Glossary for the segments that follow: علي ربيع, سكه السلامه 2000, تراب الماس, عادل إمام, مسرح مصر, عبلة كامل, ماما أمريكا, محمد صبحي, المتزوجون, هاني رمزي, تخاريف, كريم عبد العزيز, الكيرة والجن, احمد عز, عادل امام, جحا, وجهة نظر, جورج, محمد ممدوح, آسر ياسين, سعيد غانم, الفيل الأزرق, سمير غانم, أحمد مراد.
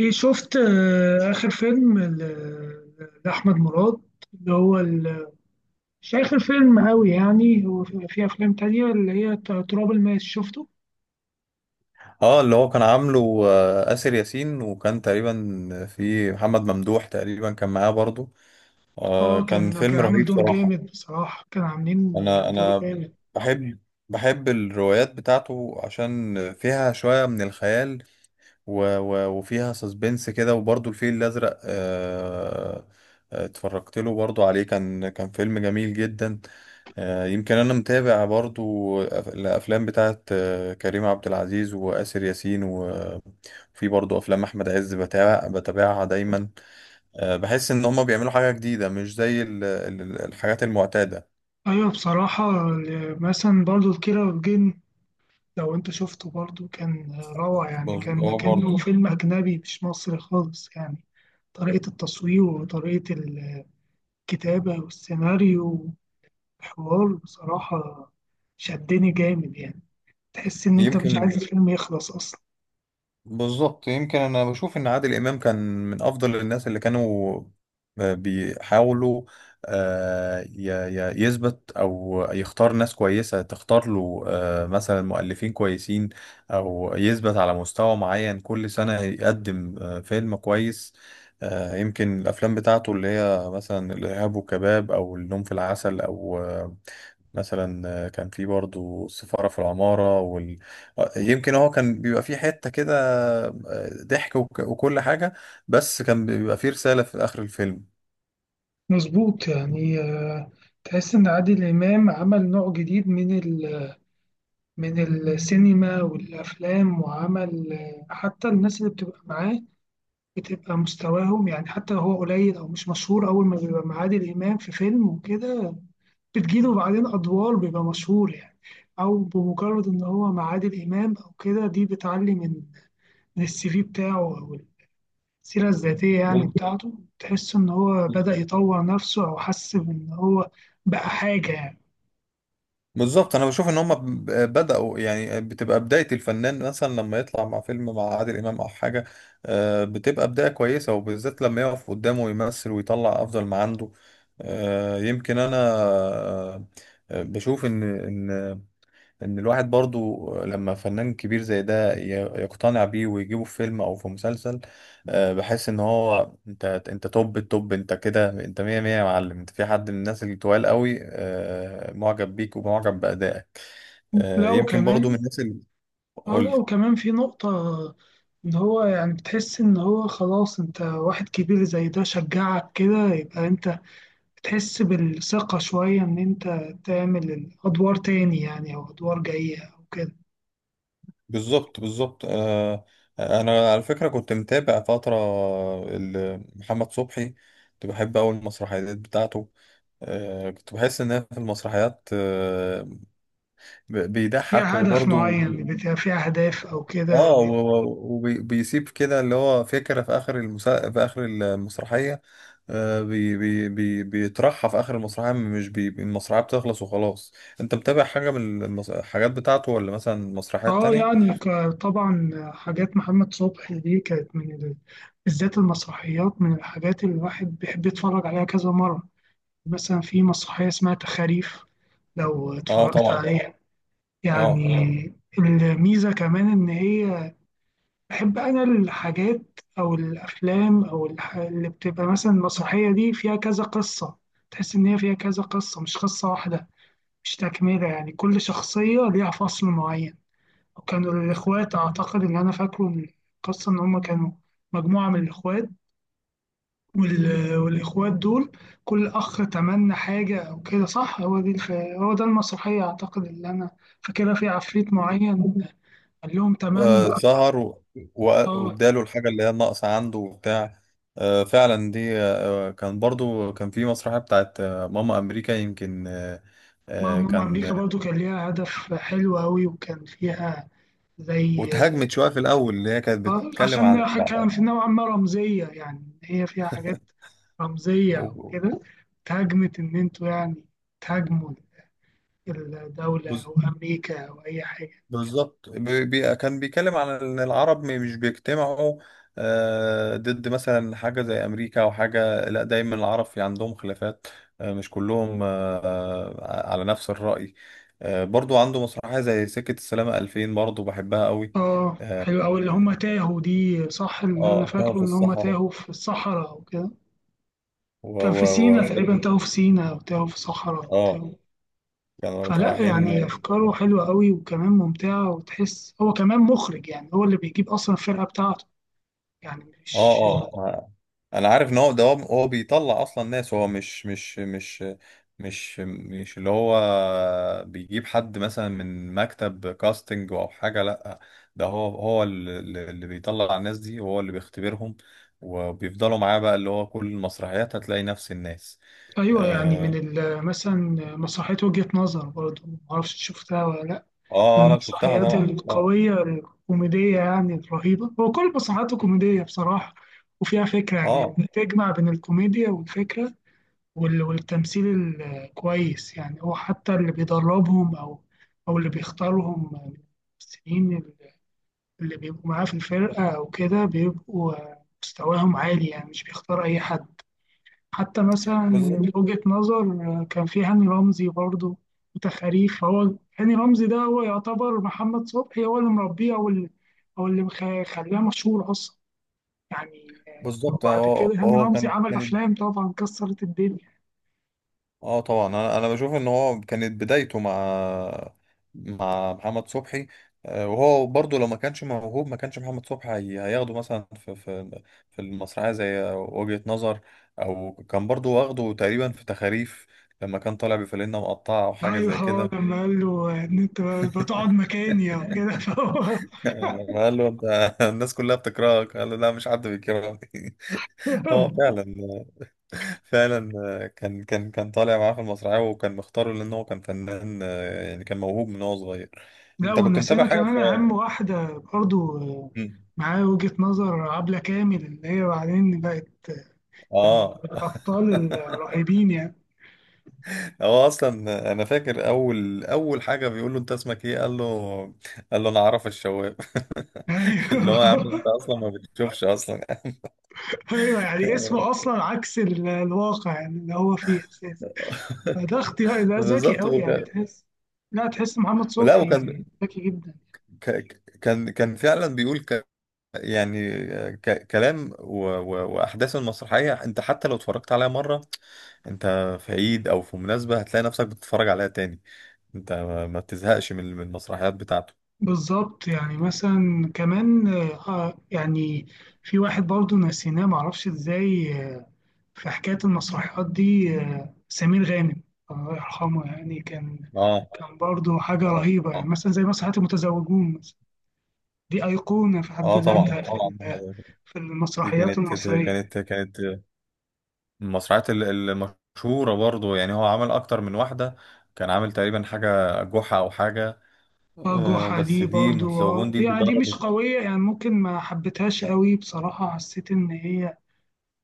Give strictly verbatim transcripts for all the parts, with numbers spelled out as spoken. ايه شفت آه، اخر فيلم ل- لاحمد مراد اللي هو ال- مش اخر فيلم قوي يعني هو في في افلام تانية اللي هي ت- تراب الماس شفته. اه، اللي هو كان عامله، آه، آسر ياسين، وكان تقريبا في محمد ممدوح تقريبا كان معاه برضو. آه اه كان كان كان فيلم عامل رهيب دور صراحة. جامد، بصراحة كان عاملين آه، انا دور انا جامد. بحب بحب الروايات بتاعته عشان فيها شوية من الخيال، و و وفيها سسبنس كده، وبرضو الفيل الأزرق. آه آه، اتفرجت له برضو عليه، كان كان فيلم جميل جدا. آه، يمكن انا متابع برضو الافلام بتاعت آه، كريم عبد العزيز وآسر ياسين. في برضه افلام احمد عز بتابع بتابعها دايما. آه، بحس ان هما بيعملوا حاجه جديده مش زي ال- ال- الحاجات المعتاده. ايوه بصراحة ال- مثلا برضو الكيرة والجن لو انت شفته برضو كان آه، روعة، يعني بص- كان هو برضه. كأنه فيلم اجنبي مش مصري خالص يعني. طريقة التصوير وطريقة الكتابة والسيناريو الحوار بصراحة شدني جامد يعني، تحس إن أنت مش عايز يمكن. الفيلم يخلص أصلا. بالظبط، يمكن انا بشوف ان عادل امام كان من افضل الناس اللي كانوا بيحاولوا آه، ي- ي- يثبت او يختار ناس كويسه تختار له، آه، مثلا مؤلفين كويسين، او يثبت على مستوى معين، كل سنه يقدم آه، فيلم كويس. آه، يمكن الافلام بتاعته اللي هي مثلا الارهاب والكباب او النوم في العسل، او آه، مثلا آه، كان في برضو السفاره في العماره وال... آه، يمكن هو كان بيبقى في حته كده، ضحك وك- وكل حاجة، بس كان بيبقى فيه رسالة في آخر الفيلم. مظبوط يعني، آه، تحس إن عادل إمام عمل نوع جديد من ال من السينما والأفلام، وعمل آه، حتى الناس اللي بتبقى معاه بتبقى مستواهم، يعني حتى لو هو قليل أو مش مشهور، أول ما بيبقى مع عادل إمام في فيلم وكده بتجيله بعدين أدوار بيبقى مشهور يعني. أو بمجرد إن هو مع عادل إمام أو كده دي بتعلي من من السي في بتاعه، أو السيرة الذاتية يعني بال- بتاعته. تحس إن هو بدأ يطور نفسه أو حس إن هو بقى حاجة يعني. بالظبط انا بشوف ان هم ب- بدأوا، يعني بتبقى بداية الفنان مثلا لما يطلع مع فيلم مع عادل امام او حاجة، آه، بتبقى بداية كويسة، وبالذات لما يقف قدامه ويمثل ويطلع افضل ما عنده. آه، يمكن انا آه، بشوف ان ان ان الواحد برضو لما فنان كبير زي ده ي- يقتنع بيه ويجيبه في فيلم او في مسلسل، آه، بحس ان هو، انت انت توب التوب، انت كده، انت مية مية يا معلم، انت في حد من الناس اللي طوال قوي آه، معجب بيك ومعجب بأدائك. آه، لو يمكن برضو من كمان، الناس اللي... آه، قول. لو كمان في نقطة إن هو يعني بتحس إن هو خلاص أنت واحد كبير زي ده شجعك كده، يبقى أنت بتحس بالثقة شوية إن أنت تعمل أدوار تاني يعني، أو أدوار جاية أو كده. بالظبط، بالظبط. آه، انا على فكرة كنت متابع فترة ال- محمد صبحي، كنت بحب أوي المسرحيات بتاعته. آه، كنت بحس إن أنا في المسرحيات ب- بيضحك فيها هدف وبرضه. معين، بيبقى فيها أهداف أو كده. اه، وبيسيب كده اللي هو فكرة في آخر المسا... في آخر المسرحية. آه بي... بي... بي... بيطرحها في آخر المسرحية، مش بي... المسرحية بتخلص وخلاص. أنت متابع حاجة من المس... الحاجات بتاعته، ولا مثلا مسرحيات اه تانية؟ يعني ك- طبعا حاجات محمد صبحي دي كانت من ال... بالذات المسرحيات، من الحاجات اللي الواحد بيحب يتفرج عليها كذا مرة. مثلا في مسرحية اسمها تخاريف، لو اه، اتفرجت طبعا. عليها اه. يعني. الميزة كمان إن هي، بحب أنا الحاجات أو الأفلام أو الح... اللي بتبقى مثلا المسرحية دي فيها كذا قصة. تحس إن هي فيها كذا قصة مش قصة واحدة، مش تكملة، يعني كل شخصية ليها فصل معين. كانوا الإخوات، أعتقد إن أنا فاكره من القصة إن هما كانوا مجموعة من الإخوات، وال... والإخوات دول كل أخ تمنى حاجة أو كده، صح؟ هو دي الف... هو ده المسرحية أعتقد اللي أنا فاكرها، في عفريت معين قال لهم تمنى. آه، ظهر و... و... آه. واداله الحاجة اللي هي الناقصة عنده وبتاع. آه فعلا دي. آه آه، كان برضو كان في مسرحية بتاعت آه ماما أمريكا يمكن. آه ما آه، ماما أمريكا كان. برضو كان ليها هدف حلو أوي، وكان فيها زي، واتهاجمت شويه في الاول، اللي هي كانت آه، بتتكلم عن عشان ال- كان في نوعا ما رمزية، يعني هي فيها حاجات رمزية و- وكده. اتهاجمت إن أنتوا يعني تهاجموا الدولة بز- أو أمريكا أو أي حاجة. بالظبط، بي- بي- كان بيتكلم عن ان العرب مش بيجتمعوا آه، ضد مثلا حاجه زي امريكا او حاجه. لا، دايما العرب في عندهم خلافات، آه، مش كلهم آه، آه، على نفس الراي. آه، برضو عنده مسرحيه زي سكه السلامه الفين، برضو بحبها قوي. آه اه. حلو أوي اللي هما تاهوا دي، صح إن أنا آه، تاهوا فاكره في إن هما الصحراء تاهوا في الصحراء أو كده. و كان و في سينا تقريبا، تاهوا وفضلوا- في سينا أو تاهوا في صحراء اه، تاهوا. كانوا فلا رايحين، يعني اه. أفكاره حلوة أوي، وكمان ممتعة، وتحس هو كمان مخرج يعني، هو اللي بيجيب أصلا الفرقة بتاعته، يعني اه. مش. آه، انا عارف ان هو ده هو هو بيطلع اصلا ناس. هو مش مش مش مش مش اللي هو بيجيب حد مثلا من مكتب كاستنج او حاجه. لا، ده هو، هو اللي اللي بيطلع الناس دي، وهو اللي بيختبرهم، وبيفضلوا معاه بقى، اللي هو كل المسرحيات هتلاقي نفس الناس. أيوة يعني من اه. ال- مثلا مسرحية وجهة نظر برضه، معرفش شفتها ولا لأ. من آه آه، لا، شفتها المسرحيات طبعا، طبعا. القوية الكوميدية يعني الرهيبة، هو كل مسرحياته كوميدية بصراحة، وفيها فكرة، يعني اه، بتجمع بين الكوميديا والفكرة وال- والتمثيل الكويس. يعني هو حتى اللي بيدربهم، أو أو اللي بيختارهم من الممثلين اللي بيبقوا معاه في الفرقة أو كده، بيبقوا مستواهم عالي يعني، مش بيختار أي حد. حتى مثلا بالظبط، من وجهة نظر، آه، كان في هاني رمزي برضه وتخاريف، فهو هاني رمزي ده هو يعتبر محمد صبحي هو اللي مربيه، او اللي او اللي مخ- خلاه مشهور اصلا يعني. آه، بالظبط. وبعد هو كده هاني هو رمزي كان عمل كانت. افلام طبعا كسرت الدنيا. اه، طبعا. انا انا بشوف ان هو كانت بدايته مع مع محمد صبحي، آه، وهو برضه لو ما كانش موهوب ما كانش محمد صبحي هي- هياخده مثلا في في في المسرحيه زي وجهة نظر، او كان برضه واخده تقريبا في تخاريف لما كان طالع بفانلة مقطعه او حاجه ايوه زي هو كده. لما قال له ان انت بتقعد مكاني او كده فهو. قال له: انت الناس كلها بتكرهك. قال له: لا، مش حد بيكرهني. هو فعلا، فعلا. آه، كان كان كان طالع معاه في المسرحية، وكان مختاره لأن هو كان فنان، آه، يعني كان موهوب من وهو صغير. لا أنت كنت متابع ونسينا حاجة في كمان اهم واحده برضه، آه، مم. معاه وجهة نظر، عبلة كامل اللي هي بعدين بقت يعني من آه. الأبطال الرهيبين يعني. هو أصلا، أنا فاكر أول أول حاجة بيقول له: أنت اسمك إيه؟ قال له قال له: أنا عرف الشواب. اللي أيوه. هو يا عم، أنت أصلا ما بتشوفش أصلا. أيوه يعني اسمه أصلا عكس ال- الواقع يعني اللي هو فيه أساسا. فده اختيار، ده ذكي بالظبط، أوي يعني، وكان. تحس، لا تحس محمد لا، وكان صبحي ذكي جدا. ك- كان كان فعلا بيقول، يعني ك- كلام و... و... واحداث المسرحيه، انت حتى لو اتفرجت عليها مره، انت في عيد او في مناسبه هتلاقي نفسك بتتفرج عليها تاني، انت ما ما بتزهقش من من المسرحيات بتاعته. بالظبط يعني مثلا كمان، آه يعني، في واحد برضه نسيناه معرفش ازاي، آه، في حكاية المسرحيات دي، آه، سمير غانم الله يرحمه، يعني كان اه، كان برضه حاجة اه، رهيبة يعني، اه. مثلا زي مسرحيات المتزوجون مثلا، دي أيقونة في حد آه، طبعا، ذاتها في طبعا. ال- في دي المسرحيات كانت المصرية. كانت كانت المسرحيات ال- المشهوره برضه، يعني هو عمل اكتر من واحده، كان عامل تقريبا حاجه جحا او حاجه، اه آه جحا بس دي دي برضو متزوجون اه، دي اللي يعني دي مش ضربت. قوية، يعني ممكن ما حبيتهاش قوي بصراحة، حسيت إن هي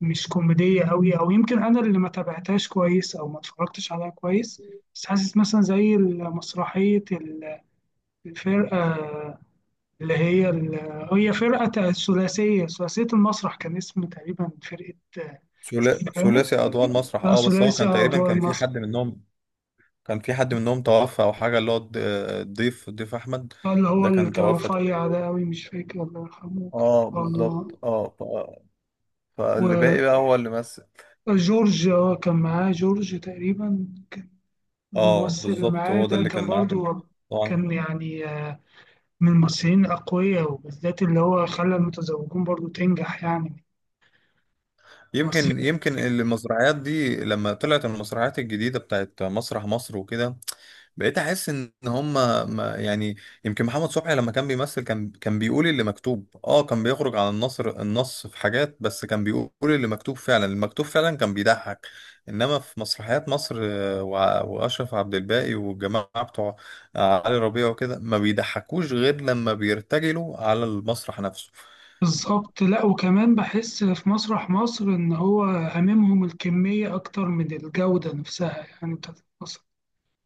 مش كوميدية قوي، أو يمكن أنا اللي ما تابعتهاش كويس أو ما اتفرجتش عليها كويس. بس حاسس مثلا زي مسرحية ال- الفرقة اللي هي ال- هي فرقة تا- ثلاثية ثلاثية المسرح، كان اسم تقريبا فرقة، آه، سعيد ثلا- غانم، ثلاثي اضواء المسرح. لا اه، بس هو ثلاثي، كان آه، تقريبا أدوار. كان في حد منهم. كان في حد منهم توفى او حاجه، اللي هو الض- الضيف الضيف احمد، اللي هو ده اللي كان كان توفى رفيع تقريبا. ده أوي مش فاكر، الله يرحمه، كان اه، برضه بالظبط، اه. ف... فاللي باقي بقى هو اللي مثل. وجورج، آه، كان معاه جورج تقريبا، كان اه، الممثل اللي بالظبط، معاه هو ده ده اللي كان كان معاه في ال- برضه كان طبعا. يعني، آه، من الممثلين الأقوياء، وبالذات اللي هو خلى المتزوجون برضه تنجح يعني. يمكن ممثلين. يمكن المسرحيات دي لما طلعت المسرحيات الجديده بتاعت مسرح مصر وكده، بقيت احس ان هم ما يعني. يمكن محمد صبحي لما كان بيمثل كان كان بيقول اللي مكتوب، اه كان بيخرج عن النصر النص في حاجات، بس كان بيقول اللي مكتوب فعلا، المكتوب فعلا كان بيضحك. انما في مسرحيات مصر آه، وع- واشرف عبد الباقي والجماعه بتوع آه، علي ربيع وكده، ما بيضحكوش غير لما بيرتجلوا على المسرح نفسه. بالظبط. لا وكمان بحس في مسرح مصر إن هو هاممهم الكمية أكتر من الجودة نفسها يعني بتاعت المسرح،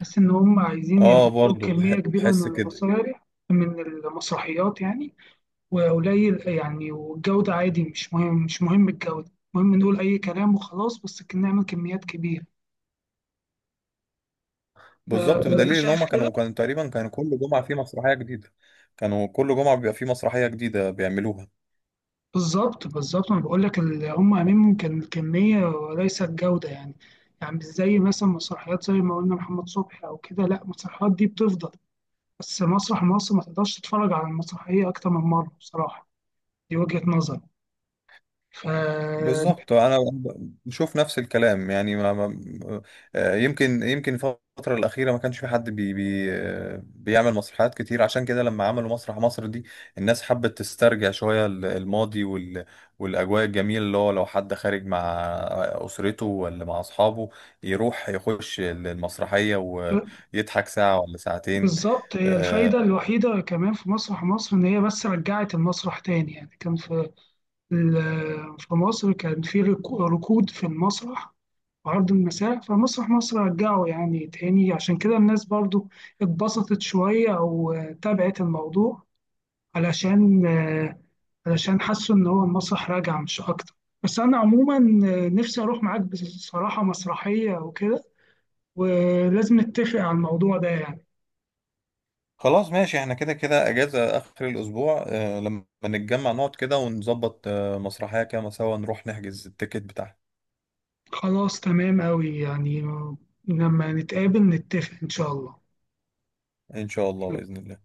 بس إن هم عايزين اه، يعملوا برضه كمية بح- كبيرة بحس من كده. المصالح من المسرحيات يعني، وقليل يعني، والجودة عادي مش مهم، مش مهم الجودة، المهم نقول أي كلام وخلاص، بس كنا نعمل كميات كبيرة. آه، بالظبط، بدليل أنت ان شايف هم كده؟ كانوا كانوا تقريبا كانوا كل جمعه في مسرحيه جديده، كانوا كل جمعه بيبقى في مسرحيه جديده بيعملوها. بالظبط، بالظبط. أنا بقول لك ال- هم أهمهم كان الكمية وليس الجودة يعني. يعني مش زي مثلا مسرحيات زي ما قلنا محمد صبحي أو كده، لا المسرحيات دي بتفضل، بس مسرح مصر ما تقدرش تتفرج على المسرحية أكتر من مرة بصراحة، دي وجهة نظري ف. بالظبط. انا أنا بشوف نفس الكلام، يعني ما ما. آه، يمكن يمكن الفتره الاخيره ما كانش في حد بي بي آه، بيعمل مسرحيات كتير، عشان كده لما عملوا مسرح مصر دي، الناس حبت تسترجع شويه ال- الماضي وال والاجواء الجميله، اللي هو لو حد خارج مع اسرته ولا مع اصحابه، يروح يخش المسرحيه ويضحك ساعه ولا ساعتين. بالظبط هي الفايدة آه، الوحيدة كمان في مسرح مصر إن هي بس رجعت المسرح تاني يعني، كان في ال- في مصر كان في ركو- ركود في المسرح وعرض المساء، فمسرح مصر رجعه يعني تاني، عشان كده الناس برضو اتبسطت شوية أو، آه، تابعت الموضوع علشان، آه، علشان حسوا إن هو المسرح راجع مش أكتر. بس أنا عموما، آه، نفسي أروح معاك بصراحة مسرحية وكده، ولازم نتفق على الموضوع ده يعني. خلاص، ماشي، احنا كده كده اجازة اخر الاسبوع. آه لما نتجمع نقعد كده ونظبط آه مسرحية كده سوا، نروح نحجز التيكت بتاعها. خلاص تمام أوي يعني، لما نتقابل نتفق إن شاء الله. ان شاء الله، بإذن الله.